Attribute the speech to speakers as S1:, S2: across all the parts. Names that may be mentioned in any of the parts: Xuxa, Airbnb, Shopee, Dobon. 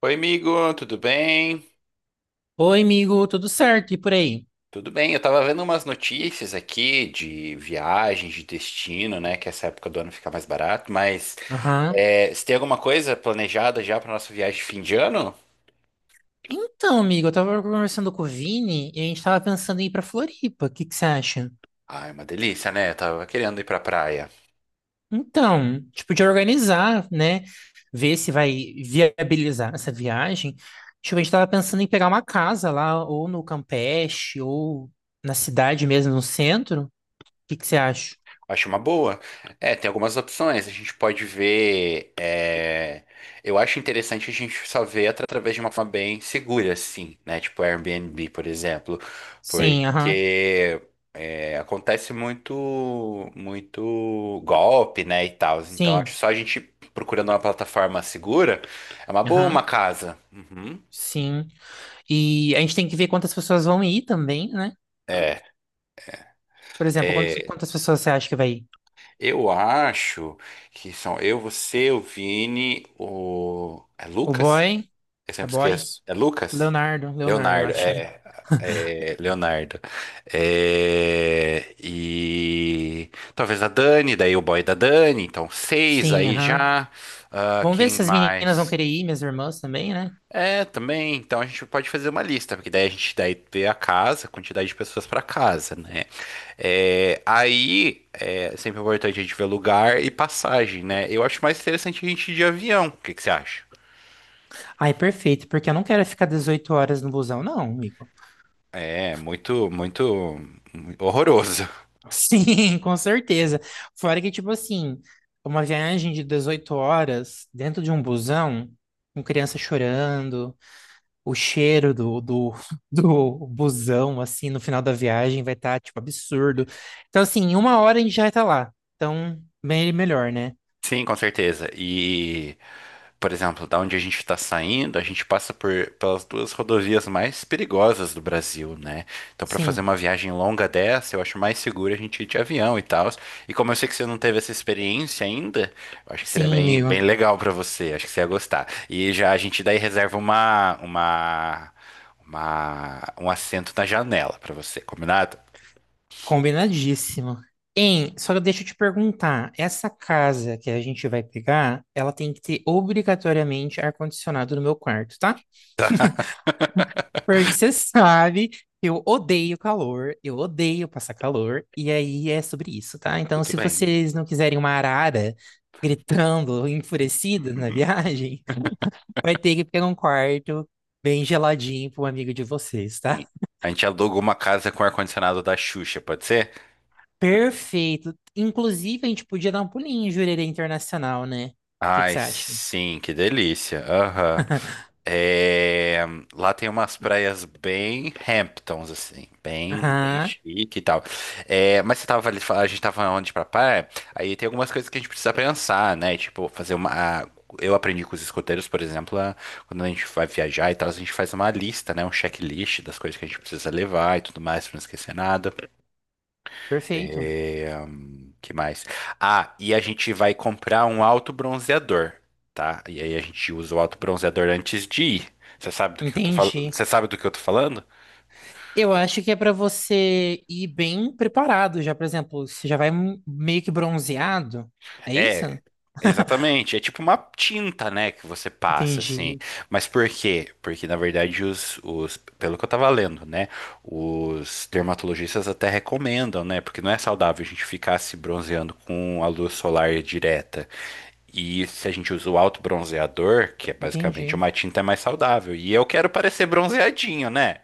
S1: Oi, amigo, tudo bem?
S2: Oi, amigo, tudo certo? E por aí?
S1: Tudo bem, eu tava vendo umas notícias aqui de viagens, de destino, né? Que essa época do ano fica mais barato, mas
S2: Aham.
S1: você tem alguma coisa planejada já pra nossa viagem de fim de ano?
S2: Então, amigo, eu tava conversando com o Vini e a gente tava pensando em ir pra Floripa. O que que você acha?
S1: Ah, é uma delícia, né? Eu tava querendo ir pra praia.
S2: Então, tipo, de organizar, né? Ver se vai viabilizar essa viagem. Tipo, a gente tava pensando em pegar uma casa lá, ou no Campeche, ou na cidade mesmo, no centro. O que que você acha?
S1: Acho uma boa. É, tem algumas opções. A gente pode ver. Eu acho interessante a gente só ver através de uma forma bem segura, assim, né? Tipo Airbnb, por exemplo.
S2: Sim, aham.
S1: Porque. É, acontece muito golpe, né, e tal. Então, acho que
S2: Sim,
S1: só a gente procurando uma plataforma segura é uma boa uma
S2: aham.
S1: casa. Uhum.
S2: Sim. E a gente tem que ver quantas pessoas vão ir também, né?
S1: É,
S2: Por exemplo, quantas,
S1: é,
S2: quantas pessoas você acha que vai ir?
S1: eu acho que são eu, você, o Vini, o
S2: O
S1: Lucas?
S2: boy?
S1: Eu
S2: É
S1: sempre
S2: boy?
S1: esqueço. É Lucas?
S2: Leonardo, Leonardo, eu
S1: Leonardo,
S2: acho.
S1: é Leonardo. É, e talvez a Dani, daí o boy da Dani, então seis
S2: Sim,
S1: aí
S2: aham.
S1: já. Ah,
S2: Vamos ver
S1: quem
S2: se as meninas vão
S1: mais?
S2: querer ir, minhas irmãs também, né?
S1: É, também. Então a gente pode fazer uma lista, porque daí a gente daí vê a casa, a quantidade de pessoas para casa, né? É, aí é sempre importante a gente ver lugar e passagem, né? Eu acho mais interessante a gente ir de avião. O que que você acha?
S2: Ai, perfeito, porque eu não quero ficar 18 horas no busão, não, amigo.
S1: É muito horroroso.
S2: Sim, com certeza. Fora que, tipo assim, uma viagem de 18 horas dentro de um busão, com criança chorando, o cheiro do busão, assim, no final da viagem vai estar, tipo, absurdo. Então, assim, em 1 hora a gente já vai estar lá. Então, bem melhor, né?
S1: Sim, com certeza. E, por exemplo, da onde a gente está saindo, a gente passa por pelas duas rodovias mais perigosas do Brasil, né? Então, para fazer
S2: Sim.
S1: uma viagem longa dessa, eu acho mais seguro a gente ir de avião e tal. E como eu sei que você não teve essa experiência ainda, eu acho que seria
S2: Sim, amigo.
S1: bem legal para você. Acho que você ia gostar. E já a gente daí reserva um assento na janela para você, combinado?
S2: Combinadíssimo. Hein, só deixa eu te perguntar, essa casa que a gente vai pegar, ela tem que ter obrigatoriamente ar-condicionado no meu quarto, tá? Porque você sabe que eu odeio calor, eu odeio passar calor, e aí é sobre isso, tá? Então,
S1: Tudo
S2: se
S1: bem.
S2: vocês não quiserem uma arara gritando, enfurecida na viagem, vai ter que pegar um quarto bem geladinho para um amigo de vocês, tá?
S1: Sim. A gente alugou uma casa com ar-condicionado da Xuxa, pode ser?
S2: Perfeito. Inclusive, a gente podia dar um pulinho em Jurerê Internacional, né? O que que
S1: Ai,
S2: você acha?
S1: sim, que delícia. Aham. É, lá tem umas praias bem Hamptons, assim, bem
S2: Aham,
S1: chique e tal. É, mas você tava ali, a gente tava onde pra praia, aí tem algumas coisas que a gente precisa pensar, né? Tipo, fazer uma. a- Eu aprendi com os escoteiros, por exemplo, quando a gente vai viajar e tal, a gente faz uma lista, né? Um checklist das coisas que a gente precisa levar e tudo mais, pra não esquecer nada.
S2: perfeito.
S1: É, que mais? Ah, e a gente vai comprar um autobronzeador, tá? E aí a gente usa o autobronzeador antes de ir. Você sabe do que eu tô falando?
S2: Entendi.
S1: Você sabe do que eu tô falando?
S2: Eu acho que é para você ir bem preparado já, por exemplo, você já vai meio que bronzeado. É isso?
S1: É, exatamente. É tipo uma tinta, né, que você passa assim.
S2: Entendi,
S1: Mas por quê? Porque na verdade pelo que eu tava lendo, né, os dermatologistas até recomendam, né, porque não é saudável a gente ficar se bronzeando com a luz solar direta. E se a gente usa o alto bronzeador, que é basicamente
S2: entendi.
S1: uma tinta mais saudável. E eu quero parecer bronzeadinho, né?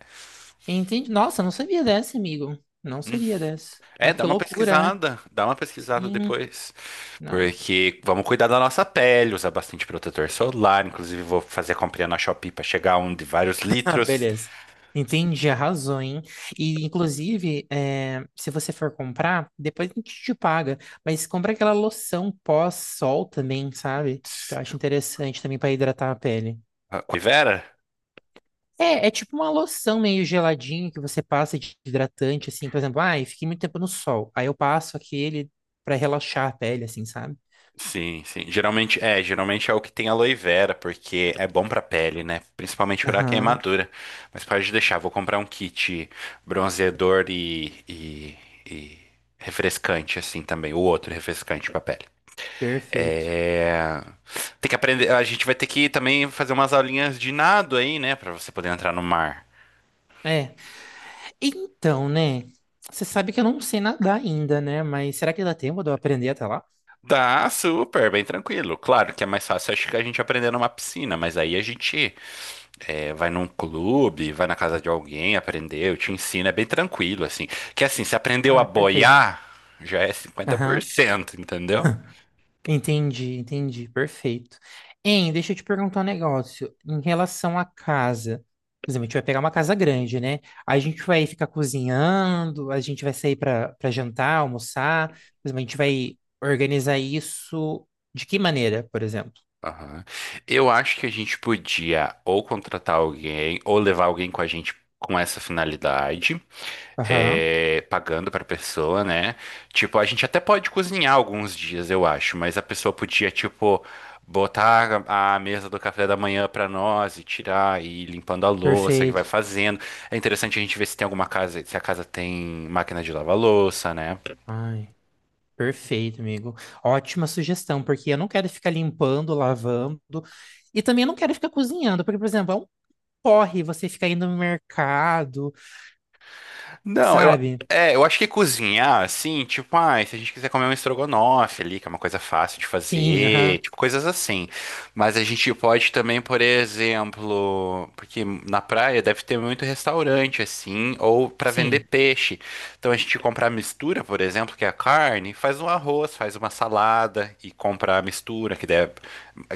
S2: Entendi. Nossa, não sabia dessa, amigo. Não sabia dessa.
S1: É,
S2: Mas que loucura, né?
S1: dá uma pesquisada
S2: Sim,
S1: depois.
S2: não.
S1: Porque vamos cuidar da nossa pele, usar bastante protetor solar. Inclusive, vou fazer a comprinha na Shopee pra chegar a um de vários
S2: Ah,
S1: litros.
S2: beleza. Entendi, arrasou, hein? E, inclusive, é, se você for comprar, depois a gente te paga. Mas compra aquela loção pós-sol também, sabe? Que eu acho interessante também para hidratar a pele.
S1: Ah, oi, Vera?
S2: É, é tipo uma loção meio geladinha que você passa de hidratante, assim. Por exemplo, ai, fiquei muito tempo no sol. Aí eu passo aquele para relaxar a pele, assim, sabe?
S1: Sim, sim. Geralmente é o que tem aloe vera, porque é bom pra pele, né? Principalmente pra
S2: Aham,
S1: queimadura. Mas pode deixar, vou comprar um kit bronzeador e refrescante assim também, o outro refrescante pra pele.
S2: perfeito.
S1: É... Tem que aprender, a gente vai ter que também fazer umas aulinhas de nado aí, né, pra você poder entrar no mar.
S2: É, então, né? Você sabe que eu não sei nadar ainda, né? Mas será que dá tempo de eu aprender até lá?
S1: Tá super, bem tranquilo. Claro que é mais fácil, acho que a gente aprender numa piscina, mas aí a gente vai num clube, vai na casa de alguém, aprendeu, te ensina, é bem tranquilo, assim. Que assim, se aprendeu a
S2: Ah, perfeito.
S1: boiar, já é cinquenta por
S2: Aham.
S1: cento entendeu?
S2: Entendi, entendi. Perfeito. Hein, deixa eu te perguntar um negócio. Em relação à casa, por exemplo, a gente vai pegar uma casa grande, né? A gente vai ficar cozinhando, a gente vai sair para jantar, almoçar. Por exemplo, a gente vai organizar isso de que maneira, por exemplo?
S1: Aham. Eu acho que a gente podia ou contratar alguém ou levar alguém com a gente com essa finalidade,
S2: Aham.
S1: pagando para pessoa, né? Tipo, a gente até pode cozinhar alguns dias, eu acho, mas a pessoa podia, tipo, botar a mesa do café da manhã para nós e tirar e ir limpando a louça que vai
S2: Perfeito.
S1: fazendo. É interessante a gente ver se tem alguma casa, se a casa tem máquina de lavar louça, né?
S2: Ai, perfeito, amigo. Ótima sugestão, porque eu não quero ficar limpando, lavando. E também eu não quero ficar cozinhando, porque, por exemplo, é um corre, você fica indo no mercado,
S1: Não, eu,
S2: sabe?
S1: é, eu acho que cozinhar, assim, tipo, ah, se a gente quiser comer um estrogonofe ali, que é uma coisa fácil de
S2: Sim,
S1: fazer,
S2: aham,
S1: tipo, coisas assim. Mas a gente pode também, por exemplo, porque na praia deve ter muito restaurante, assim, ou pra vender
S2: sim,
S1: peixe. Então a gente compra a mistura, por exemplo, que é a carne, faz um arroz, faz uma salada e compra a mistura,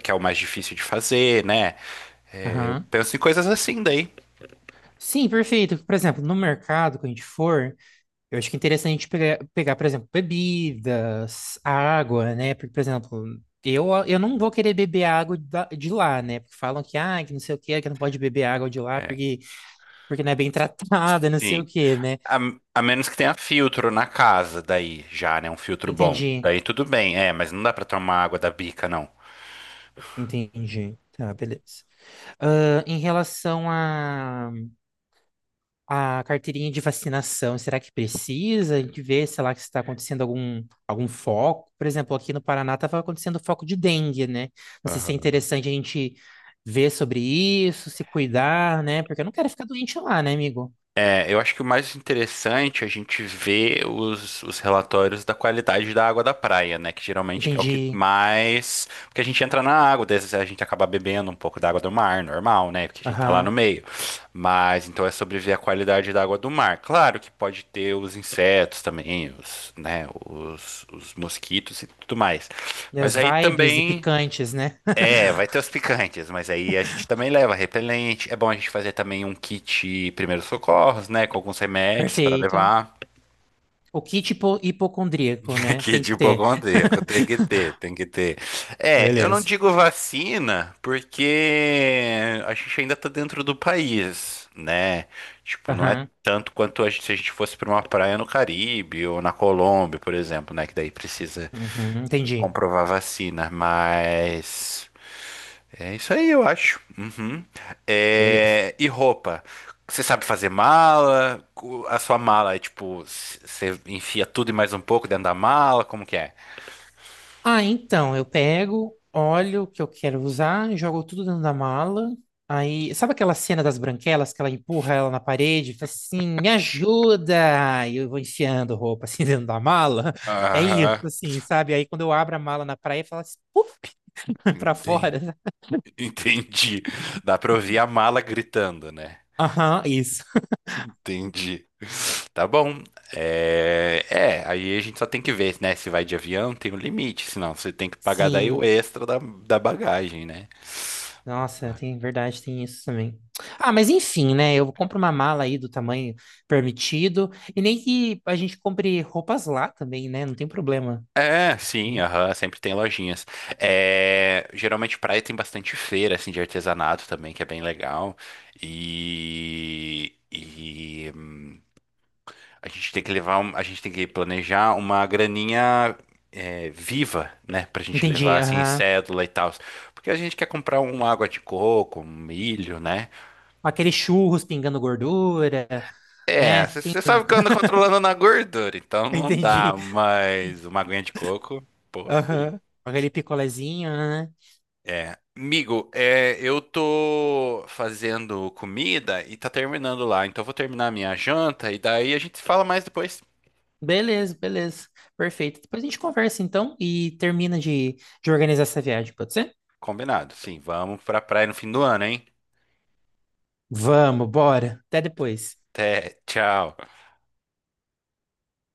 S1: que é o mais difícil de fazer, né? É, eu
S2: aham.
S1: penso em coisas assim daí.
S2: Sim, perfeito. Por exemplo, no mercado, quando a gente for, eu acho que é interessante a gente pegar, por exemplo, bebidas, água, né? Porque, por exemplo, eu não vou querer beber de lá, né? Porque falam que, ah, que não sei o quê, que não pode beber água de lá
S1: É,
S2: porque, porque não é bem tratada, não sei o
S1: sim.
S2: quê, né?
S1: A, a menos que tenha filtro na casa, daí já, né? Um filtro bom.
S2: Entendi,
S1: Daí tudo bem, é, mas não dá pra tomar água da bica, não.
S2: entendi. Tá, beleza. Ah, em relação a carteirinha de vacinação, será que precisa? A gente vê, sei lá, que está acontecendo algum foco. Por exemplo, aqui no Paraná estava acontecendo foco de dengue, né? Não sei se é interessante a gente ver sobre isso, se cuidar, né? Porque eu não quero ficar doente lá, né, amigo?
S1: É, eu acho que o mais interessante é a gente ver os relatórios da qualidade da água da praia, né? Que geralmente é o que
S2: Entendi.
S1: mais. Porque a gente entra na água, daí às vezes a gente acaba bebendo um pouco da água do mar, normal, né? Porque a gente tá lá no
S2: Aham.
S1: meio. Mas então é sobre ver a qualidade da água do mar. Claro que pode ter os insetos também, os, né? Os mosquitos e tudo mais.
S2: E
S1: Mas
S2: as
S1: aí
S2: vibes e
S1: também.
S2: picantes, né?
S1: É, vai ter os picantes, mas aí a gente também leva repelente. É bom a gente fazer também um kit primeiros socorros, né? Com alguns remédios para
S2: Perfeito.
S1: levar.
S2: O kit hipocondríaco, né?
S1: Kit
S2: Tem
S1: de
S2: que ter.
S1: hipocondríaco, tem que ter, tem que ter. É, eu não
S2: Beleza.
S1: digo vacina, porque a gente ainda tá dentro do país, né? Tipo, não é
S2: Aham.
S1: tanto quanto se a gente fosse para uma praia no Caribe ou na Colômbia, por exemplo, né? Que daí precisa
S2: Uhum. Entendi.
S1: comprovar vacina, mas. É isso aí, eu acho. Uhum.
S2: Beleza.
S1: É, e roupa? Você sabe fazer mala? A sua mala é tipo, você enfia tudo e mais um pouco dentro da mala? Como que é?
S2: Ah, então, eu pego, olho o que eu quero usar, jogo tudo dentro da mala. Aí, sabe aquela cena das branquelas que ela empurra ela na parede, e fala assim, me ajuda! E eu vou enfiando roupa assim dentro da mala. É isso,
S1: Aham,
S2: assim, sabe? Aí quando eu abro a mala na praia, fala assim, puf, pra
S1: enten-
S2: fora.
S1: entendi. Dá pra ouvir a mala gritando, né?
S2: Aham, isso.
S1: Entendi. Tá bom. É... é, aí a gente só tem que ver, né? Se vai de avião, tem um limite, senão você tem que pagar daí o
S2: Sim.
S1: extra da bagagem, né?
S2: Nossa, tem verdade, tem isso também. Ah, mas enfim, né? Eu compro uma mala aí do tamanho permitido. E nem que a gente compre roupas lá também, né? Não tem problema.
S1: É, sim,
S2: Uhum.
S1: aham, sempre tem lojinhas. É, geralmente praia tem bastante feira assim de artesanato também, que é bem legal. E, e hum, a gente tem que levar, a gente tem que planejar uma graninha viva, né, pra gente
S2: Entendi,
S1: levar assim em
S2: aham.
S1: cédula e tal, porque a gente quer comprar uma água de coco, um milho, né?
S2: Aqueles churros pingando gordura,
S1: É,
S2: né? Quem-
S1: você sabe que eu ando controlando na gordura, então não dá,
S2: Entendi.
S1: mas uma aguinha de coco, pô, é
S2: Aham. Aquele picolézinho, né?
S1: É, amigo, é, eu tô fazendo comida e tá terminando lá, então eu vou terminar a minha janta e daí a gente se fala mais depois.
S2: Beleza, beleza. Perfeito. Depois a gente conversa então e termina de organizar essa viagem, pode ser?
S1: Combinado, sim, vamos pra praia no fim do ano, hein?
S2: Vamos, bora. Até depois.
S1: Até, tchau.